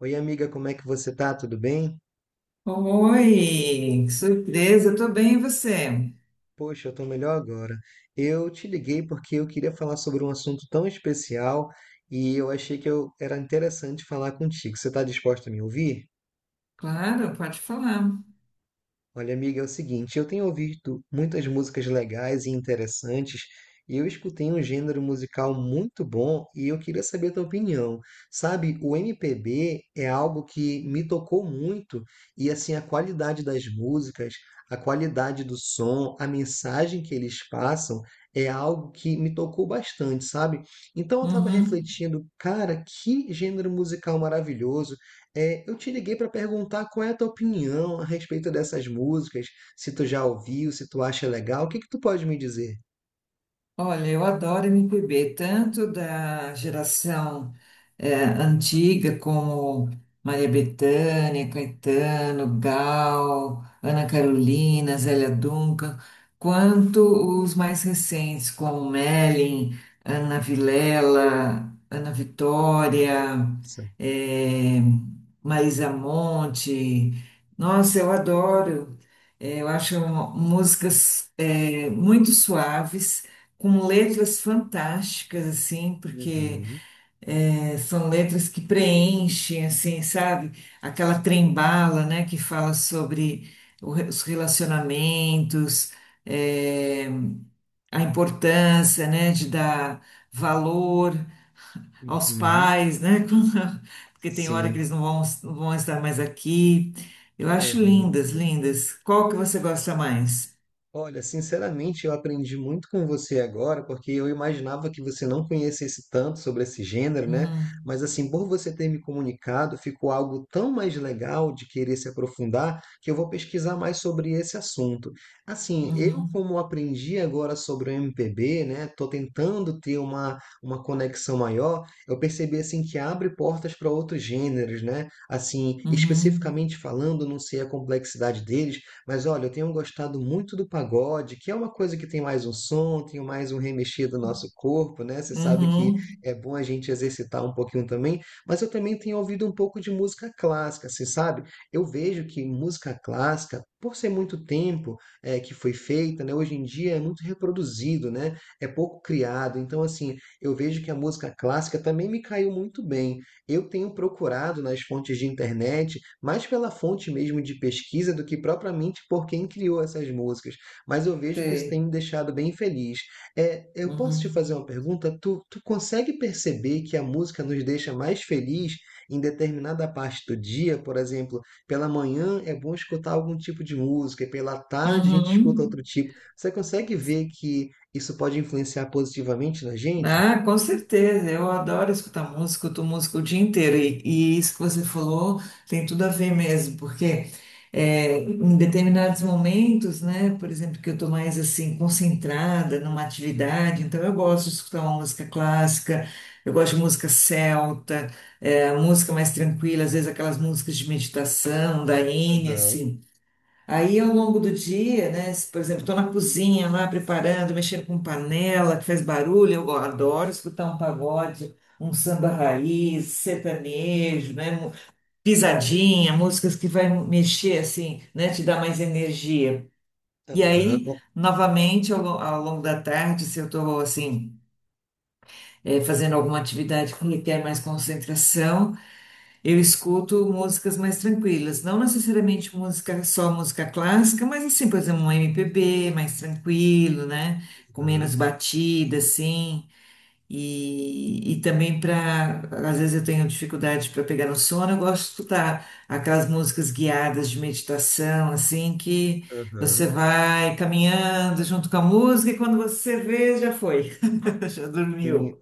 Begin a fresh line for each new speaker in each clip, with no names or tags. Oi, amiga, como é que você tá? Tudo bem?
Oi, que surpresa, eu tô bem, e você?
Poxa, eu tô melhor agora. Eu te liguei porque eu queria falar sobre um assunto tão especial e eu achei que eu era interessante falar contigo. Você tá disposta a me ouvir?
Claro, pode falar.
Olha, amiga, é o seguinte, eu tenho ouvido muitas músicas legais e interessantes, e eu escutei um gênero musical muito bom e eu queria saber a tua opinião. Sabe, o MPB é algo que me tocou muito, e assim, a qualidade das músicas, a qualidade do som, a mensagem que eles passam é algo que me tocou bastante, sabe? Então eu estava
Uhum.
refletindo, cara, que gênero musical maravilhoso. É, eu te liguei para perguntar qual é a tua opinião a respeito dessas músicas, se tu já ouviu, se tu acha legal, o que que tu pode me dizer?
Olha, eu adoro MPB, tanto da geração antiga, como Maria Bethânia, Caetano, Gal, Ana Carolina, Zélia Duncan, quanto os mais recentes, como Mellin, Ana Vilela, Ana Vitória,
Sim.
eh, Marisa Monte. Nossa, eu adoro. Eu acho músicas muito suaves com letras fantásticas, assim, porque
Uhum,
são letras que preenchem, assim, sabe? Aquela trem-bala, né, que fala sobre os relacionamentos, é, a importância, né, de dar valor aos
uhum,
pais, né, porque tem hora que
sim.
eles não vão estar mais aqui. Eu acho lindas, lindas. Qual que você gosta mais?
Olha, sinceramente, eu aprendi muito com você agora, porque eu imaginava que você não conhecesse tanto sobre esse gênero, né?
Uhum,
Mas assim, por você ter me comunicado, ficou algo tão mais legal de querer se aprofundar, que eu vou pesquisar mais sobre esse assunto. Assim, eu
uhum,
como aprendi agora sobre o MPB, né? Tô tentando ter uma conexão maior, eu percebi assim que abre portas para outros gêneros, né? Assim,
uhum,
especificamente falando, não sei a complexidade deles, mas olha, eu tenho gostado muito do pagode, que é uma coisa que tem mais um som, tem mais um remexer do nosso corpo, né? Você sabe que
uhum.
é bom a gente exercitar um pouquinho também, mas eu também tenho ouvido um pouco de música clássica, você sabe? Eu vejo que música clássica, por ser muito tempo que foi feita, né? Hoje em dia é muito reproduzido, né? É pouco criado. Então, assim, eu vejo que a música clássica também me caiu muito bem. Eu tenho procurado nas fontes de internet mais pela fonte mesmo de pesquisa do que propriamente por quem criou essas músicas, mas eu vejo que isso tem me
Sei.
deixado bem feliz. Eu posso te fazer
Uhum.
uma pergunta? Tu consegue perceber que a música nos deixa mais feliz em determinada parte do dia? Por exemplo, pela manhã é bom escutar algum tipo de música e pela tarde a gente escuta
Uhum.
outro tipo. Você consegue ver que isso pode influenciar positivamente na gente?
Ah, com certeza. Eu adoro escutar música, escuto música o dia inteiro. E isso que você falou tem tudo a ver mesmo, porque em determinados momentos, né, por exemplo, que eu estou mais assim concentrada numa atividade, então eu gosto de escutar uma música clássica, eu gosto de música celta, é, música mais tranquila, às vezes aquelas músicas de meditação, da Enya,
Aham,
assim. Aí, ao longo do dia, né, se, por exemplo, estou na cozinha lá preparando, mexendo com panela que faz barulho, eu adoro escutar um pagode, um samba raiz, sertanejo, né, pisadinha, músicas que vai mexer assim, né, te dar mais energia. E aí,
aham,
novamente, ao longo da tarde, se eu estou assim, fazendo alguma atividade que requer mais concentração, eu escuto músicas mais tranquilas, não necessariamente música, só música clássica, mas assim, por exemplo, um MPB mais tranquilo, né? Com menos
aham,
batida, assim. E também para, às vezes eu tenho dificuldade para pegar no sono, eu gosto de escutar aquelas músicas guiadas de meditação, assim, que você
aham.
vai caminhando junto com a música e quando você vê, já foi, já
Sim,
dormiu.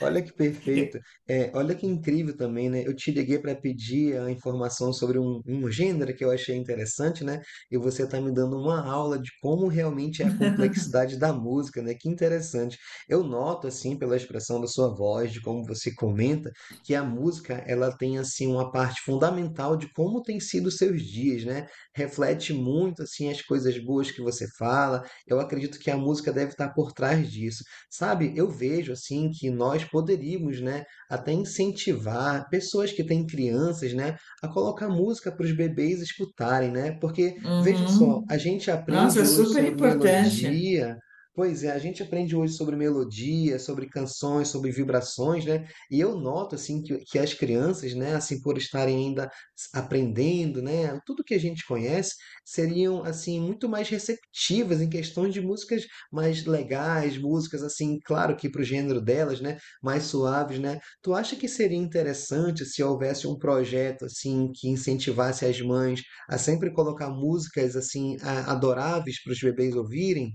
olha que
Eu-
perfeito. É. Olha que incrível também, né, eu te liguei para pedir a informação sobre um gênero que eu achei interessante, né, e você está me dando uma aula de como realmente é a complexidade da música, né, que interessante. Eu noto, assim, pela expressão da sua voz, de como você comenta, que a música ela tem, assim, uma parte fundamental de como tem sido os seus dias, né, reflete muito, assim, as coisas boas que você fala, eu acredito que a música deve estar por trás disso. Sabe, eu vejo assim que nós poderíamos, né, até incentivar pessoas que têm crianças, né, a colocar música para os bebês escutarem, né? Porque veja só, a
Uhum.
gente
Nossa,
aprende
é
hoje
super
sobre
importante.
melodia. Pois é, a gente aprende hoje sobre melodia, sobre canções, sobre vibrações, né? E eu noto assim que as crianças, né, assim por estarem ainda s- aprendendo, né, tudo que a gente conhece, seriam assim muito mais receptivas em questões de músicas mais legais, músicas assim, claro que para o gênero delas, né, mais suaves, né? Tu acha que seria interessante se houvesse um projeto assim que incentivasse as mães a sempre colocar músicas assim a- adoráveis para os bebês ouvirem?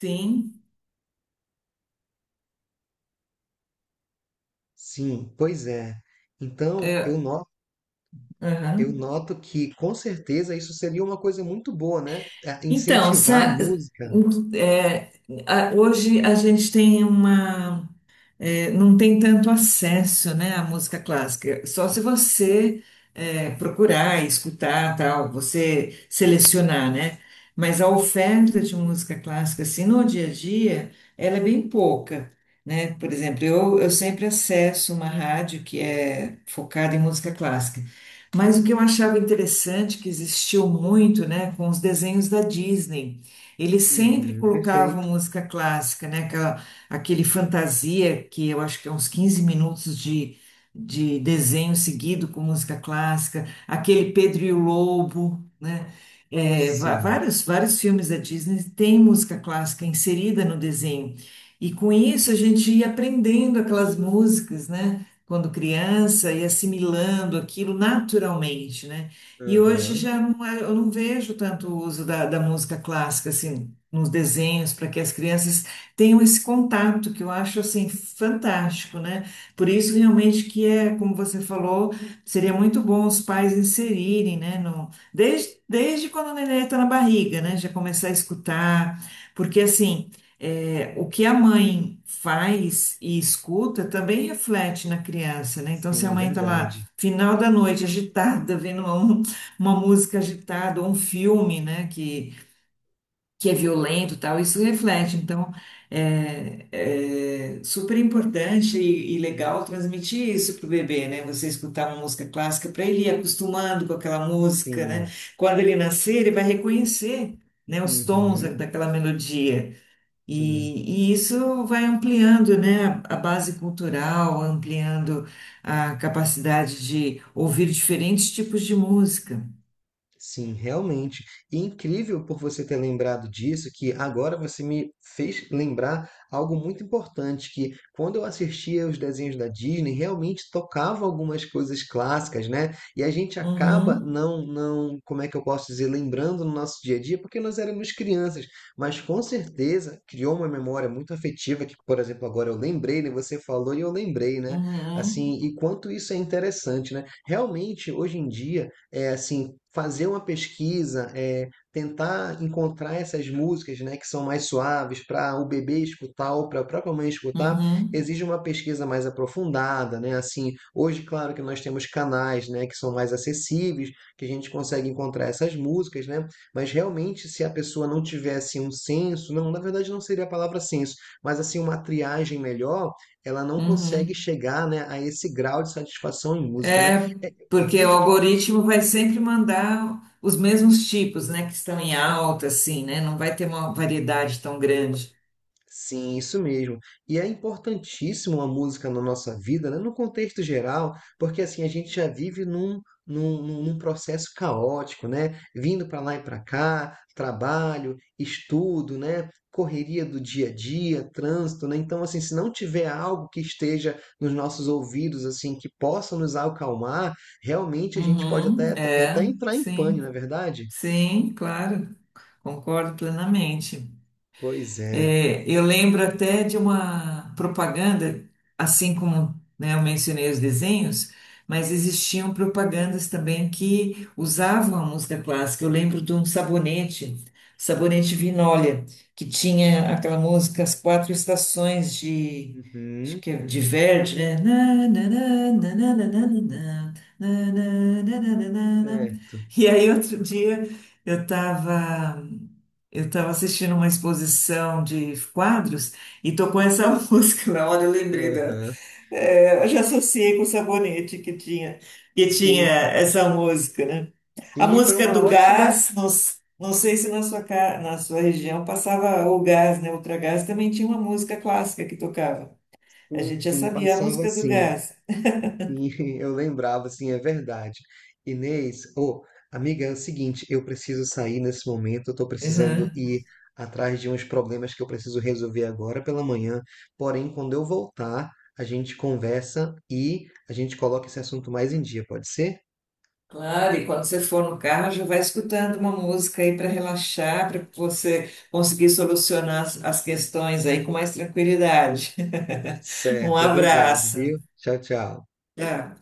Sim.
Sim, pois é. Então, eu
É,
noto eu
aham.
noto que com certeza isso seria uma coisa muito boa, né? É,
Então,
incentivar a
sa-
música.
é, Hoje a gente tem uma. É, não tem tanto acesso, né, à música clássica. Só se você procurar, escutar, tal, você selecionar, né? Mas a oferta de música clássica, assim, no dia a dia, ela é bem pouca, né? Por exemplo, eu sempre acesso uma rádio que é focada em música clássica. Mas o que eu achava interessante, que existiu muito, né, com os desenhos da Disney, eles sempre
Uhum,
colocavam
perfeito.
música clássica, né, aquele Fantasia, que eu acho que é uns 15 minutos de desenho seguido com música clássica, aquele Pedro e o Lobo, né?
Sim.
Vários, vários filmes da Disney têm música clássica inserida no desenho. E com isso a gente ia aprendendo aquelas músicas, né? Quando criança, e assimilando aquilo naturalmente, né? E hoje
Aham.
já não, eu não vejo tanto o uso da música clássica assim nos desenhos para que as crianças tenham esse contato que eu acho assim fantástico, né? Por isso realmente que é, como você falou, seria muito bom os pais inserirem, né? No, desde quando o neném está na barriga, né? Já começar a escutar, porque assim é, o que a mãe faz e escuta também reflete na criança, né? Então, se a
Sim,
mãe está lá,
verdade.
final da noite, agitada, vendo uma música agitada, ou um filme, né? Que é violento e tal, isso reflete. Então, é, é super importante e legal transmitir isso pro bebê, né? Você escutar uma música clássica para ele ir acostumando com aquela música, né?
Sim.
Quando ele nascer, ele vai reconhecer, né, os tons
Uhum.
daquela melodia.
Sim,
E isso vai ampliando, né, a base cultural, ampliando a capacidade de ouvir diferentes tipos de música.
sim, realmente. E incrível por você ter lembrado disso, que agora você me fez lembrar algo muito importante, que quando eu assistia os desenhos da Disney, realmente tocava algumas coisas clássicas, né? E a gente acaba
Uhum,
não, como é que eu posso dizer, lembrando no nosso dia a dia, porque nós éramos crianças, mas com certeza criou uma memória muito afetiva, que, por exemplo, agora eu lembrei, né? Você falou e eu lembrei, né? Assim,
uhum,
e quanto isso é interessante, né? Realmente, hoje em dia, é assim, fazer uma pesquisa, é, tentar encontrar essas músicas, né, que são mais suaves para o bebê escutar ou para a própria mãe escutar,
uhum,
exige uma pesquisa mais aprofundada, né? Assim, hoje, claro que nós temos canais, né, que são mais acessíveis, que a gente consegue encontrar essas músicas, né? Mas realmente, se a pessoa não tivesse um senso, não, na verdade não seria a palavra senso, mas assim uma triagem melhor, ela não consegue
uhum.
chegar, né, a esse grau de satisfação em música, né?
É,
É, eu
porque o
vejo que
algoritmo vai sempre mandar os mesmos tipos, né, que estão em alta, assim, né? Não vai ter uma variedade tão grande.
sim, isso mesmo. E é importantíssimo a música na nossa vida, né? No contexto geral, porque assim a gente já vive num, num processo caótico, né? Vindo para lá e para cá, trabalho, estudo, né? Correria do dia a dia, trânsito, né? Então, assim, se não tiver algo que esteja nos nossos ouvidos, assim, que possa nos acalmar, realmente a gente pode
Uhum,
até,
é,
até entrar em
sim,
pânico, não é verdade?
sim, claro, concordo plenamente.
Pois é.
É, eu lembro até de uma propaganda, assim como, né, eu mencionei os desenhos, mas existiam propagandas também que usavam a música clássica. Eu lembro de um sabonete, sabonete Vinólia, que tinha aquela música As Quatro Estações de, acho
Uhum,
que é de Verdi, né? Na, na, na, na, na, na, na, na, na, na, na, na, na, na, na.
certo.
E aí, outro dia, eu estava. Eu estava assistindo uma exposição de quadros e tocou essa música na hora, eu lembrei da.
Aham.
É, eu já associei com o sabonete que tinha
Sim.
essa música, né? A
Sim, e foi
música
uma
do
ótima.
gás, não, não sei se na sua, na sua região passava o gás, né? Ultragás também tinha uma música clássica que tocava. A
Sim,
gente já
sim,
sabia a
passava
música do
assim.
gás.
Sim, eu lembrava, sim, é verdade. Inês, ô, amiga, é o seguinte, eu preciso sair nesse momento, eu tô precisando ir atrás de uns problemas que eu preciso resolver agora pela manhã. Porém, quando eu voltar, a gente conversa e a gente coloca esse assunto mais em dia, pode ser?
Claro, e quando você for no carro, já vai escutando uma música aí para relaxar, para você conseguir solucionar as, as questões aí com mais tranquilidade.
Tá
Um
certo, obrigado,
abraço.
viu? Tchau, tchau.
Tchau.